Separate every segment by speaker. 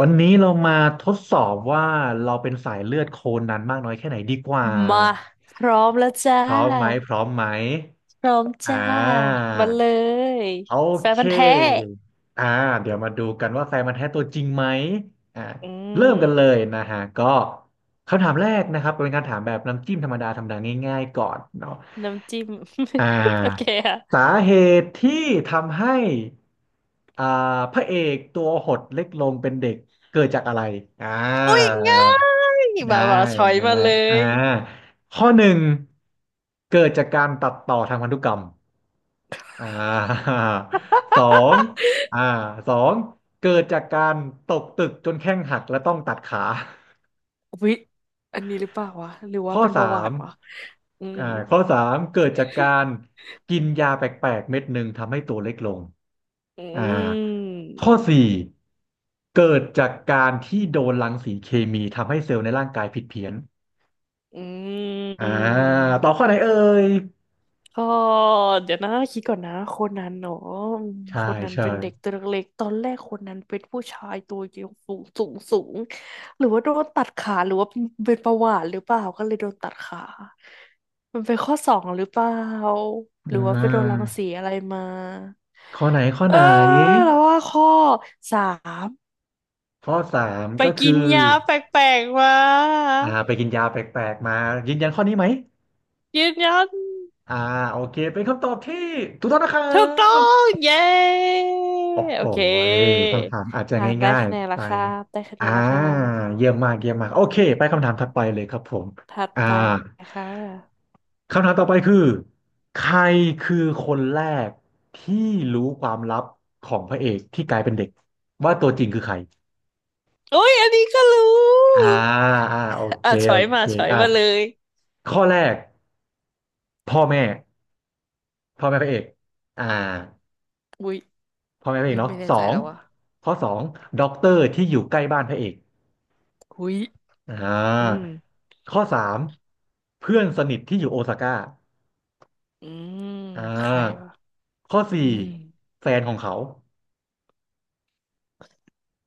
Speaker 1: วันนี้เรามาทดสอบว่าเราเป็นสายเลือดโคนันมากน้อยแค่ไหนดีกว่า
Speaker 2: มาพร้อมแล้วจ้า
Speaker 1: พร้อมไหมพร้อมไหม
Speaker 2: พร้อม
Speaker 1: อ่
Speaker 2: จ้า
Speaker 1: า
Speaker 2: มาเลย
Speaker 1: โอ
Speaker 2: แฟน
Speaker 1: เค
Speaker 2: พันธุ์แท้
Speaker 1: อ่าเดี๋ยวมาดูกันว่าแฟนมันธุ์แท้ตัวจริงไหมอ่า
Speaker 2: อื
Speaker 1: เริ่ม
Speaker 2: ม
Speaker 1: กันเลยนะฮะก็คำถามแรกนะครับเป็นการถามแบบน้ำจิ้มธรรมดาธรรมดาง่ายๆก่อนเนาะ
Speaker 2: น้ำจิ้ม
Speaker 1: อ่
Speaker 2: โอเค
Speaker 1: า
Speaker 2: ค่ะ
Speaker 1: สาเหตุที่ทำให้อ่าพระเอกตัวหดเล็กลงเป็นเด็กเกิดจากอะไรอ่า
Speaker 2: อุ้ยง่าย
Speaker 1: ได้
Speaker 2: มามาช้อย
Speaker 1: ไง
Speaker 2: มาเล
Speaker 1: อ่า
Speaker 2: ย
Speaker 1: ข้อหนึ่งเกิดจากการตัดต่อทางพันธุกรรมอ่า สองอ่าสองเกิดจากการตกตึกจนแข้งหักและต้องตัดขา ข้อสาม
Speaker 2: อืม
Speaker 1: อ่าข้อสามเกิดจากการกินยาแปลกๆเม็ดหนึ่งทำให้ตัวเล็กลง
Speaker 2: อื
Speaker 1: อ่าข้อ
Speaker 2: ม
Speaker 1: สี่เกิดจากการที่โดนรังสีเคมีทำให้เซลล์ในร่างกายผิดเพี้ยน
Speaker 2: อื
Speaker 1: อ่าตอบข้
Speaker 2: ม
Speaker 1: อไหนเอ่ย
Speaker 2: ก็เดี๋ยวนะคิดก่อนนะคนนั้นเนาะค
Speaker 1: ใช่
Speaker 2: นนั้น
Speaker 1: ใช่
Speaker 2: เป็นเด็กตัวเล็กๆตอนแรกคนนั้นเป็นผู้ชายตัวเยวสูงสูงสูงหรือว่าโดนตัดขาหรือว่าเป็นประวัติหรือเปล่าก็เลยโดนตัดขามันเป็นข้อสองหรือเปล่าห
Speaker 1: อ่
Speaker 2: รือว่าไปโดนรั
Speaker 1: า
Speaker 2: งสีอะไรมา
Speaker 1: ข้อไหนข้อ
Speaker 2: เอ
Speaker 1: ไห
Speaker 2: อ
Speaker 1: น
Speaker 2: แล้วว่าข้อสาม
Speaker 1: ข้อสาม
Speaker 2: ไป
Speaker 1: ก็
Speaker 2: กิ
Speaker 1: คื
Speaker 2: น
Speaker 1: อ
Speaker 2: ยาแปลกๆมา
Speaker 1: ไปกินยาแปลกๆมายืนยันข้อนี้ไหม
Speaker 2: ยืนยัน
Speaker 1: อ่าโอเคเป็นคำตอบที่ถูกต้องนะครั
Speaker 2: ถูกต้อ
Speaker 1: บ
Speaker 2: งเย้
Speaker 1: โอ้โห
Speaker 2: โอเค
Speaker 1: คำถามอาจจะ
Speaker 2: อ่าได้
Speaker 1: ง่าย
Speaker 2: คะแนน
Speaker 1: ๆไป
Speaker 2: ละครับได้คะแน
Speaker 1: อ่า
Speaker 2: นละครับ
Speaker 1: เยี่ยมมากเยี่ยมมากโอเคไปคำถามถัดไปเลยครับผม
Speaker 2: ถัด
Speaker 1: อ่า
Speaker 2: ไปนะคะ
Speaker 1: คำถามต่อไปคือใครคือคนแรกที่รู้ความลับของพระเอกที่กลายเป็นเด็กว่าตัวจริงคือใคร
Speaker 2: โอ้ยอันนี้ก็รู
Speaker 1: อ่า
Speaker 2: ้
Speaker 1: อ่าโอเค
Speaker 2: อ่ะช้
Speaker 1: โอ
Speaker 2: อย
Speaker 1: เค
Speaker 2: มาช้อย
Speaker 1: อ่า
Speaker 2: มาเลย
Speaker 1: ข้อแรกพ่อแม่พ่อแม่พระเอกอ่า
Speaker 2: อุ้ย
Speaker 1: พ่อแม่พระเอ
Speaker 2: นึ
Speaker 1: ก
Speaker 2: ก
Speaker 1: เนาะ
Speaker 2: ไม่แน่
Speaker 1: สอ
Speaker 2: ใจ
Speaker 1: ง
Speaker 2: แล้วว่ะ
Speaker 1: ข้อสองด็อกเตอร์ที่อยู่ใกล้บ้านพระเอก
Speaker 2: อุ้ย
Speaker 1: อ่
Speaker 2: อื
Speaker 1: า
Speaker 2: ม
Speaker 1: ข้อสามเพื่อนสนิทที่อยู่โอซาก้า
Speaker 2: อืม
Speaker 1: อ่
Speaker 2: ใคร
Speaker 1: า
Speaker 2: วะ
Speaker 1: ข้อสี่
Speaker 2: อืม
Speaker 1: แฟนของเขา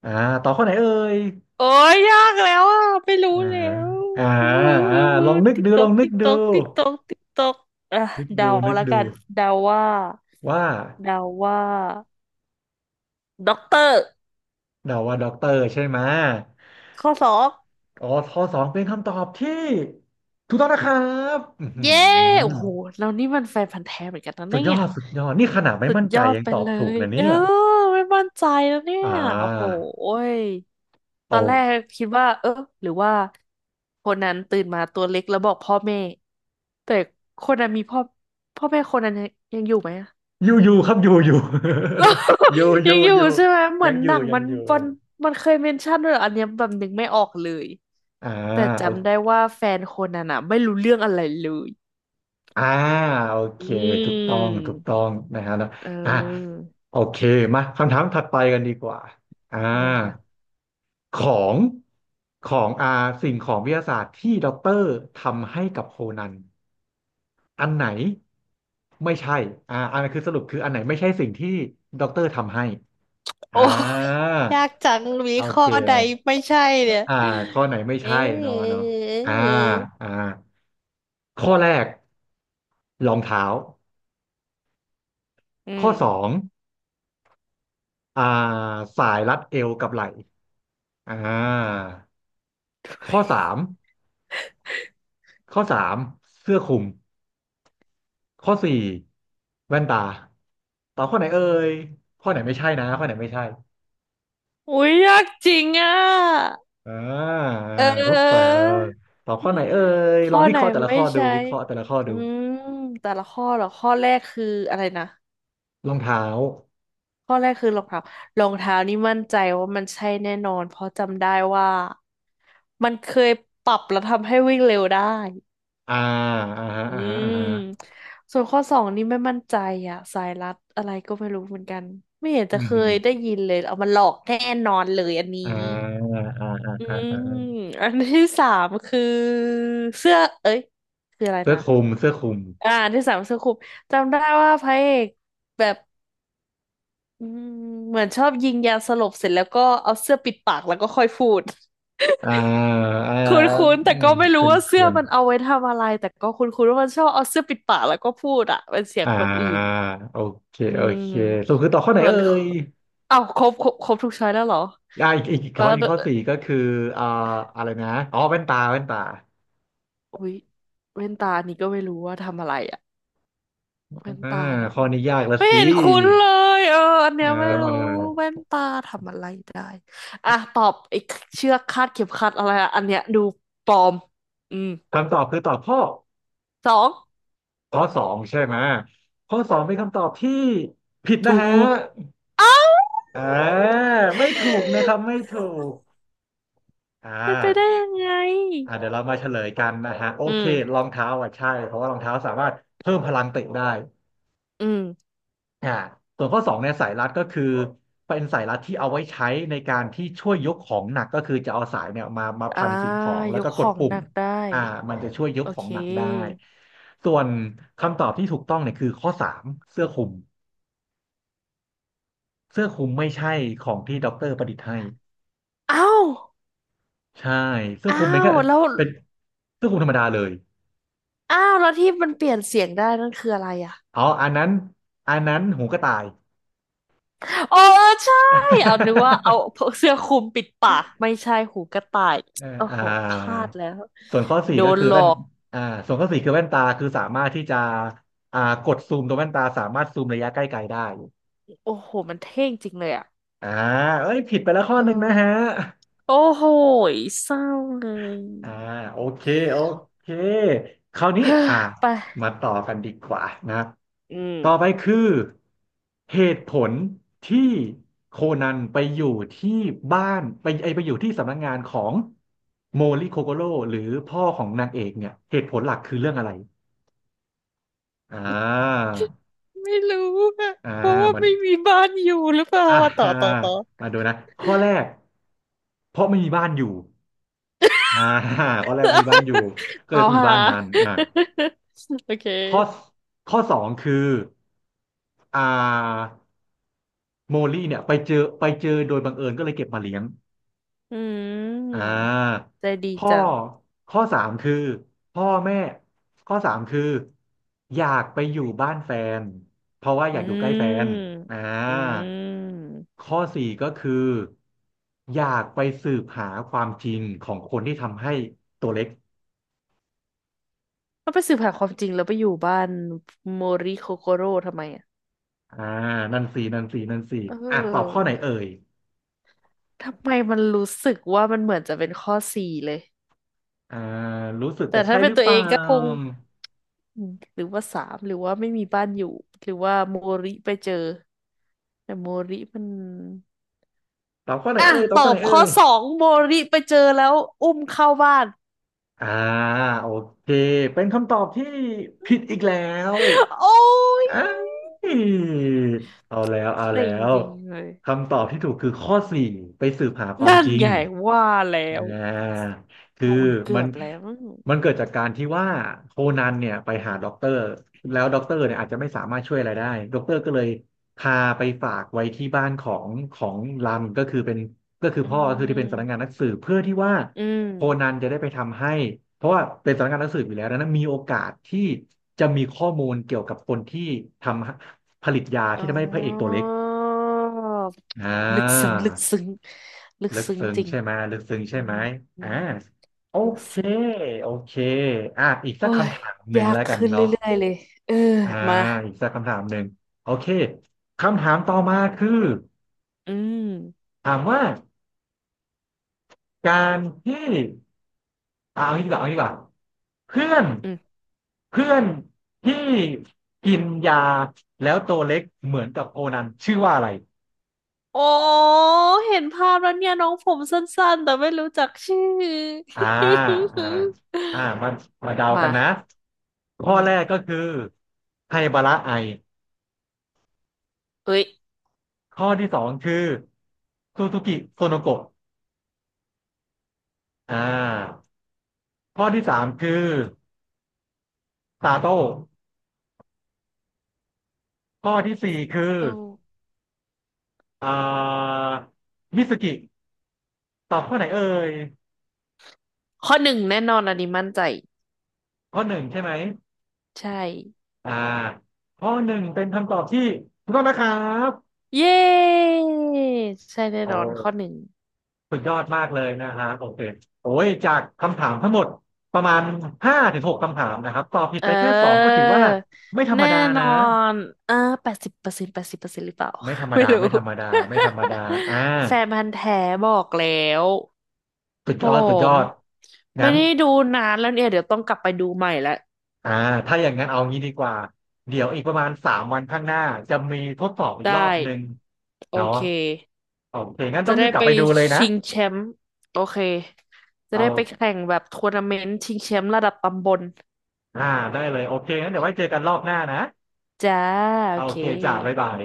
Speaker 1: อ่าต่อบข้อไหนเอ่ย
Speaker 2: โอ้ยยากแล้วอ่ะไม่รู้
Speaker 1: อ่า
Speaker 2: แล้ว
Speaker 1: อ่า
Speaker 2: อือ
Speaker 1: อ่าลองนึก
Speaker 2: ติ๊ก
Speaker 1: ดู
Speaker 2: ต
Speaker 1: ล
Speaker 2: อ
Speaker 1: อ
Speaker 2: ก
Speaker 1: งนึก
Speaker 2: ติ๊กต
Speaker 1: ดู
Speaker 2: อกติ๊กตอกติ๊กตอกอ่ะ
Speaker 1: นึก
Speaker 2: เดา
Speaker 1: ดูนึก
Speaker 2: ละ
Speaker 1: ดู
Speaker 2: กันเดาว่า
Speaker 1: ว่า
Speaker 2: เดาว่า ด็อกเตอร์
Speaker 1: เดาว่าด็อกเตอร์ใช่ไหม
Speaker 2: ข้อสอบ
Speaker 1: อ๋อข้อสองเป็นคำตอบที่ถูกต้องนะครับอื้อหื
Speaker 2: เย้โอ้
Speaker 1: อ
Speaker 2: โหเรานี่มันแฟนพันธุ์แท้เหมือนกันนะ
Speaker 1: สุด
Speaker 2: เนี่
Speaker 1: ย
Speaker 2: ย
Speaker 1: อด สุดยอด นี่ขนาดไม่
Speaker 2: สุด
Speaker 1: มั่น
Speaker 2: ย
Speaker 1: ใจ
Speaker 2: อด
Speaker 1: ยัง
Speaker 2: ไป
Speaker 1: ตอบ
Speaker 2: เล
Speaker 1: ถูก
Speaker 2: ย
Speaker 1: นะ
Speaker 2: เออ
Speaker 1: เนี่ย
Speaker 2: ไม่มั่นใจแล้วเนี่
Speaker 1: อ่
Speaker 2: ยโอ้โห
Speaker 1: า
Speaker 2: ยต
Speaker 1: เอา
Speaker 2: อนแรกคิดว่าเออหรือว่าคนนั้นตื่นมาตัวเล็กแล้วบอกพ่อแม่แต่คนนั้นมีพ่อแม่คนนั้นยังยังอยู่ไหมอะ
Speaker 1: อยู่อยู่ครับอยู่อยู่ อยู่อ
Speaker 2: ยั
Speaker 1: ยู่
Speaker 2: งอยู่
Speaker 1: อยู่
Speaker 2: ใช่ไหมเหมื
Speaker 1: ยั
Speaker 2: อ
Speaker 1: ง
Speaker 2: น
Speaker 1: อ
Speaker 2: ห
Speaker 1: ยู่
Speaker 2: นัง
Speaker 1: ยัง
Speaker 2: มัน
Speaker 1: อยู่
Speaker 2: มันมันเคยเมนชั่นด้วยเหรออันเนี้ยแบบนึกไม่ออกเลย
Speaker 1: อ่า
Speaker 2: แต่
Speaker 1: โอ
Speaker 2: จำได้ว่าแฟนคนนั้นอ่ะไม่รู้เรื่องอะไรเลย
Speaker 1: อ่าโอเค
Speaker 2: อื
Speaker 1: ถูกต้อง
Speaker 2: ม
Speaker 1: ถูกต้องนะฮะนะ
Speaker 2: เอ
Speaker 1: อ่า
Speaker 2: อ
Speaker 1: โอเคมาคำถามถัดไปกันดีกว่าอ่า
Speaker 2: มาค่ะ
Speaker 1: ของของสิ่งของวิทยาศาสตร์ที่ด็อกเตอร์ทำให้กับโคนันอันไหนไม่ใช่อันนั้นคือสรุปคืออันไหนไม่ใช่สิ่งที่ด็อกเตอร์ทำให้อ่า
Speaker 2: โอ้ยยากจังมี
Speaker 1: โอ
Speaker 2: ข้อ
Speaker 1: เค
Speaker 2: ใด
Speaker 1: เลย
Speaker 2: ไม่ใช่เนี่ย
Speaker 1: อ่าข้อไหนไม่
Speaker 2: เอ๊
Speaker 1: ใช่เนาะเนาะอ่า
Speaker 2: ะ
Speaker 1: อ่าข้อแรกรองเท้า
Speaker 2: อื
Speaker 1: ข้อ
Speaker 2: ม
Speaker 1: สอง อ่าสายรัดเอวกับไหล่อ่าข้อสามข้อสามเสื้อคลุมข้อสี่แว่นตาตอบข้อไหนเอ่ยข้อไหนไม่ใช่นะข้อไหนไม่ใช่
Speaker 2: อุ้ยยากจริงอ่ะ
Speaker 1: อ่า
Speaker 2: เ
Speaker 1: ทดสอ
Speaker 2: ออ
Speaker 1: บตอบข้อไหนเอ่ยล
Speaker 2: ข้
Speaker 1: อ
Speaker 2: อ
Speaker 1: งวิ
Speaker 2: ไหน
Speaker 1: เคราะห์แต่ละ
Speaker 2: ไม่
Speaker 1: ข้อดู
Speaker 2: ใช่
Speaker 1: วิเคราะห์แต่ละข้อดู
Speaker 2: อืมแต่ละข้อเหรอ ข้อแรกคืออะไรนะ
Speaker 1: รองเท้า
Speaker 2: ข้อแรกคือรองเท้ารองเท้านี่มั่นใจว่ามันใช่แน่นอน เพราะจำได้ว่ามันเคยปรับแล้วทำให้วิ่งเร็วได้
Speaker 1: อ่าอ่าฮะ
Speaker 2: อื
Speaker 1: อ่าฮะอ่าฮะ
Speaker 2: มส่วนข้อสองนี่ไม่มั่นใจอ่ะสายลัดอะไรก็ไม่รู้เหมือนกันไม่เห็น
Speaker 1: อื
Speaker 2: จะเคยได้
Speaker 1: ม
Speaker 2: ยินเลยเอามาหลอกแน่นอนเลยอันนี้
Speaker 1: อ่าอ่า
Speaker 2: อื
Speaker 1: อ่า
Speaker 2: มอันที่สามคือเสื้อเอ้ยคืออะไร
Speaker 1: เสื้อ
Speaker 2: นะ
Speaker 1: คลุมเสื้อคลุม
Speaker 2: อ่าอันที่สามเสื้อคลุมจำได้ว่าพระเอกแบบอืมเหมือนชอบยิงยาสลบเสร็จแล้วก็เอาเสื้อปิดปากแล้วก็ค่อยพูด
Speaker 1: อ่าอ่า
Speaker 2: คุ้นๆ
Speaker 1: อื
Speaker 2: แต่
Speaker 1: ม
Speaker 2: ก็ไม่รู้
Speaker 1: เกิน
Speaker 2: ว่า
Speaker 1: เกิ
Speaker 2: เสื้อ
Speaker 1: น
Speaker 2: มันเอาไว้ทำอะไรแต่ก็คุ้นๆว่ามันชอบเอาเสื้อปิดปากแล้วก็พูดอะเป็นเสียงคน
Speaker 1: อ่า
Speaker 2: อื่น
Speaker 1: โอเค
Speaker 2: อื
Speaker 1: โอเคสรุป
Speaker 2: ม
Speaker 1: คือต่อบข้อไหน
Speaker 2: ส่วน
Speaker 1: เอ่ย
Speaker 2: อ้าวครบครบครบทุกช้อยแล้วเหรอ
Speaker 1: อีกอีกอีก
Speaker 2: แล้
Speaker 1: ข้อ
Speaker 2: ว
Speaker 1: อีกข้อสี่ก็คืออ่าอะไรนะอ๋อแว่นตาแว่นตา
Speaker 2: อุ๊ยแว่นตานี่ก็ไม่รู้ว่าทำอะไรอะแว่น
Speaker 1: อ่า
Speaker 2: ตาเหรอ
Speaker 1: ข้อนี้ยากละ
Speaker 2: ไม่
Speaker 1: สิ
Speaker 2: เห็นคุ้นเลยเอออันเนี้ย
Speaker 1: เอ
Speaker 2: ไม่รู้
Speaker 1: อ
Speaker 2: แว่นตาทำอะไรได้อ่ะตอบไอ้เชือกคาดเข็มขัดอะไรอะอันเนี้ยดูปลอมอืม
Speaker 1: คำตอบคือตอบข้อ
Speaker 2: สอง
Speaker 1: ข้อสองใช่ไหมข้อสองเป็นคำตอบที่ผิด
Speaker 2: ถู
Speaker 1: นะฮะ
Speaker 2: ก
Speaker 1: เอ่าไม่ถูกนะครับไม่ถูกอ่
Speaker 2: เป็นไปได้
Speaker 1: า
Speaker 2: ยังไง
Speaker 1: อ่าเดี๋ยวเรามาเฉลยกันนะฮะโอ
Speaker 2: อื
Speaker 1: เคร
Speaker 2: ม
Speaker 1: องเท้าอ่ะใช่เพราะว่ารองเท้าสามารถเพิ่มพลังเตะได้
Speaker 2: อืม
Speaker 1: อ่าส่วนข้อสองเนี่ยสายรัดก็คือเป็นสายรัดที่เอาไว้ใช้ในการที่ช่วยยกของหนักก็คือจะเอาสายเนี่ยมามา
Speaker 2: อ่า
Speaker 1: พันสิ่งของแล้
Speaker 2: ย
Speaker 1: วก็
Speaker 2: กข
Speaker 1: กด
Speaker 2: อง
Speaker 1: ปุ่
Speaker 2: ห
Speaker 1: ม
Speaker 2: นักได้
Speaker 1: อ่ามันจะช่วยยก
Speaker 2: โอ
Speaker 1: ขอ
Speaker 2: เค
Speaker 1: งหนักได้ส่วนคำตอบที่ถูกต้องเนี่ยคือข้อสามเสื้อคลุมเสื้อคลุมไม่ใช่ของที่ด็อกเตอร์ประดิษฐ์ให้
Speaker 2: อ้าว
Speaker 1: ใช่เสื้อคลุ
Speaker 2: อ้า
Speaker 1: มเป็นแค่
Speaker 2: วแล้ว
Speaker 1: เป็นเสื้อคลุมธรรมดาเลย
Speaker 2: อ้าวแล้วที่มันเปลี่ยนเสียงได้นั่นคืออะไรอ่ะ
Speaker 1: อ๋ออันนั้นอันนั้นหูกระต่าย
Speaker 2: อ๋อเออใช่เอานึกว่าเอาเสื้อคลุมปิดปากไม่ใช่หูกระต่าย
Speaker 1: เออ
Speaker 2: โอ้โหพลาดแล้ว
Speaker 1: ส่วนข้อสี่
Speaker 2: โด
Speaker 1: ก็
Speaker 2: น
Speaker 1: คือ
Speaker 2: หลอ
Speaker 1: แว่น
Speaker 2: ก
Speaker 1: อ่าส่วนข้อสี่คือแว่นตาคือสามารถที่จะกดซูมตัวแว่นตาสามารถซูมระยะใกล้ไกลได้
Speaker 2: โอ้โหมันเท่งจริงเลยอ่ะ
Speaker 1: อ่าเอ้ยผิดไปแล้วข้อ
Speaker 2: เ
Speaker 1: หนึ่งนะฮะ
Speaker 2: ออโอ้โหเศร้าเลย
Speaker 1: อ่าโอเคโอเคคราว นี้
Speaker 2: เฮ้อไป
Speaker 1: มาต่อกันดีกว่านะ
Speaker 2: อื
Speaker 1: ต่อไป
Speaker 2: ม
Speaker 1: คือเหตุผลที่โคนันไปอยู่ที่บ้านไปไอไปอยู่ที่สำนักงานของโมริโคโกโร่หรือพ่อของนางเอกเนี่ยเหตุผลหลักคือเรื่องอะไร อ่า
Speaker 2: ไม่รู้อะ
Speaker 1: อ่า
Speaker 2: เพราะว่า
Speaker 1: เหมือน
Speaker 2: ไม่มีบ้านอยู่หรือเปล่า
Speaker 1: อ่
Speaker 2: ว่า
Speaker 1: า
Speaker 2: ต่อ
Speaker 1: มาดูนะข้อแรกเพราะไม่มีบ้านอยู่อ่า ข้อแรกมีบ้านอยู่ก็เล
Speaker 2: เอา
Speaker 1: ยต้องมี
Speaker 2: หา
Speaker 1: บ้านนั้น
Speaker 2: โอเค
Speaker 1: ข้อข้อสองคืออ่าโมลี่เนี่ยไปเจอไปเจอโดยบังเอิญก็เลยเก็บมาเลี้ยง
Speaker 2: อื
Speaker 1: อ่
Speaker 2: ม
Speaker 1: า
Speaker 2: ใจดี
Speaker 1: ข้อ
Speaker 2: จัง
Speaker 1: ข้อสามคือพ่อแม่ข้อสามคืออยากไปอยู่บ้านแฟนเพราะว่าอ
Speaker 2: อื
Speaker 1: ยากอยู่ใกล้แฟน
Speaker 2: ม
Speaker 1: อ่า
Speaker 2: อืม
Speaker 1: ข้อสี่ก็คืออยากไปสืบหาความจริงของคนที่ทำให้ตัวเล็ก
Speaker 2: ก็ไปสืบหาความจริงแล้วไปอยู่บ้านโมริโคโกโร่ทำไมอ่ะ
Speaker 1: อ่านั่นสี่นั่นสี่นั่นสี่
Speaker 2: เ
Speaker 1: อ่ะตอบข้อ
Speaker 2: ออ
Speaker 1: ไหนเอ่ย
Speaker 2: ทำไมมันรู้สึกว่ามันเหมือนจะเป็นข้อสี่เลย
Speaker 1: อ่ารู้สึกแต่
Speaker 2: แต่ถ้า
Speaker 1: ใช่
Speaker 2: เป็
Speaker 1: ห
Speaker 2: น
Speaker 1: รือ
Speaker 2: ตั
Speaker 1: เป
Speaker 2: วเอ
Speaker 1: ล่า
Speaker 2: งก็คงอืมหรือว่าสามหรือว่าไม่มีบ้านอยู่หรือว่าโมริไปเจอแต่โมริมัน
Speaker 1: ตอบข้อไหน
Speaker 2: อ่ะ
Speaker 1: เอ่ยตอบ
Speaker 2: ต
Speaker 1: ข้อ
Speaker 2: อ
Speaker 1: ไห
Speaker 2: บ
Speaker 1: นเอ่
Speaker 2: ข้อ
Speaker 1: ย
Speaker 2: สองโมริไปเจอแล้วอุ้มเข้าบ้าน
Speaker 1: อ่าโอเคเป็นคำตอบที่ผิดอีกแล้ว
Speaker 2: โอ้ย
Speaker 1: เอ้ยเอาแล้วเอาแล้
Speaker 2: เซ็ง
Speaker 1: ว
Speaker 2: จริงเลย
Speaker 1: คำตอบที่ถูกคือข้อสี่ไปสืบหาความ
Speaker 2: นั่น
Speaker 1: จริง
Speaker 2: ไงว่าแล้ว
Speaker 1: อ่าคือ
Speaker 2: โอ้ยเกื
Speaker 1: มั
Speaker 2: อ
Speaker 1: น
Speaker 2: บแล้ว
Speaker 1: มันเกิดจากการที่ว่าโคนันเนี่ยไปหาด็อกเตอร์แล้วด็อกเตอร์เนี่ยอาจจะไม่สามารถช่วยอะไรได้ด็อกเตอร์ก็เลยพาไปฝากไว้ที่บ้านของรันก็คือเป็นก็คือ
Speaker 2: อื
Speaker 1: พ่อก็คือที่เป็นสำนักงาน
Speaker 2: ม
Speaker 1: นักสืบเพื่อที่ว่า
Speaker 2: อืม
Speaker 1: โคนันจะได้ไปทำให้เพราะว่าเป็นสำนักงานนักสืบอยู่แล้วดังนั้นมีโอกาสที่จะมีข้อมูลเกี่ยวกับคนที่ทำผลิตยา
Speaker 2: อ๋
Speaker 1: ที่ทำให้พระเอกตัว
Speaker 2: อ
Speaker 1: เล็กอ่า
Speaker 2: ลึกซึ้งลึกซึ้งลึก
Speaker 1: ลึก
Speaker 2: ซึ้ง
Speaker 1: ซึ้ง
Speaker 2: จริง
Speaker 1: ใช่ไหมลึกซึ้ง
Speaker 2: อื
Speaker 1: ใช่ไห
Speaker 2: ม
Speaker 1: ม
Speaker 2: อื
Speaker 1: อ่า
Speaker 2: ม
Speaker 1: โอ
Speaker 2: ลึก
Speaker 1: เค
Speaker 2: ซึ้ง
Speaker 1: โอเคอ่ะอีกสั
Speaker 2: โอ้
Speaker 1: ก
Speaker 2: ย
Speaker 1: คำถามหนึ่ง
Speaker 2: ยาก
Speaker 1: แล้วกัน
Speaker 2: ขึ้น
Speaker 1: เนาะ
Speaker 2: เรื่อยๆเลยเออ
Speaker 1: อ่า
Speaker 2: มา
Speaker 1: อีกสักคำถามหนึ่งโอเคคำถามต่อมาคือ
Speaker 2: อืม
Speaker 1: ถามว่าการที่เอางี้ดีกว่าเอางี้ดีกว่าเพื่อน
Speaker 2: อืม
Speaker 1: เพื่อนที่กินยาแล้วตัวเล็กเหมือนกับโคนันชื่อว่าอะไร
Speaker 2: โอ้เห็นภาพแล้วเนี่ยน้องผมสั้นๆแต่ไม่รู้จักชื่อ
Speaker 1: อ่าอ่า มามาเดากันนะ
Speaker 2: มาอื
Speaker 1: ข้อแรก
Speaker 2: ม
Speaker 1: ก็คือไฮบาระไอ
Speaker 2: เอ้ย
Speaker 1: ข้อที่สองคือซูซูกิโซโนโกะอ่าข้อที่สามคือซาโต้ข้อที่สี่คือ
Speaker 2: โอ้
Speaker 1: อ่ามิสกิตอบข้อไหนเอ่ย
Speaker 2: ข้อหนึ่งแน่นอนอันนี้มั่นใจ
Speaker 1: ข้อหนึ่งใช่ไหม
Speaker 2: ใช่
Speaker 1: อ่าข้อหนึ่งเป็นคำตอบที่ถูกต้องนะครับ
Speaker 2: เย้ใช่แน่
Speaker 1: โอ
Speaker 2: นอนข้อห
Speaker 1: ้
Speaker 2: นึ่ง
Speaker 1: สุดยอดมากเลยนะฮะโอเคโอ้ยจากคำถามทั้งหมดประมาณ5-6คำถามนะครับตอบผิด
Speaker 2: เ
Speaker 1: ไปแค่สองก็
Speaker 2: ออ
Speaker 1: ถือว่าไม่ธรรม
Speaker 2: แน่
Speaker 1: ดา
Speaker 2: น
Speaker 1: นะ
Speaker 2: อน เออ80%แปดสิบเปอร์เซ็นต์หรือเปล่า
Speaker 1: ไม่ธรรม
Speaker 2: ไม่
Speaker 1: ดา
Speaker 2: รู้
Speaker 1: ไม่ธรรมดาไม่ธรรมดาอ่า
Speaker 2: แฟนพันธุ์แท้บอกแล้ว
Speaker 1: สุด
Speaker 2: ผ
Speaker 1: ยอดสุดย
Speaker 2: ม
Speaker 1: อด
Speaker 2: ไม่
Speaker 1: งั้น
Speaker 2: ได้ดูนานแล้วเนี่ย เดี๋ยวต้องกลับไปดูใหม่ละ
Speaker 1: อ่าถ้าอย่างนั้นเอางี้ดีกว่าเดี๋ยวอีกประมาณสามวันข้างหน้าจะมีทดสอบอีก
Speaker 2: ได้
Speaker 1: รอบหนึ่ง
Speaker 2: โอ
Speaker 1: เนาะ
Speaker 2: เค
Speaker 1: โอเคงั้นต้
Speaker 2: จะ
Speaker 1: องรี
Speaker 2: ได้
Speaker 1: บกลั
Speaker 2: ไป
Speaker 1: บไปดูเลยนะ
Speaker 2: ชิงแชมป์โอเค จะ
Speaker 1: เอ
Speaker 2: ได้ไป
Speaker 1: า
Speaker 2: แข่งแบบทัวร์นาเมนต์ชิงแชมป์ระดับตำบล
Speaker 1: อ่าได้เลยโอเคงั้นเดี๋ยวไว้เจอกันรอบหน้านะ
Speaker 2: จ้า
Speaker 1: โอ
Speaker 2: โอเค
Speaker 1: เคจ้าบ๊ายบาย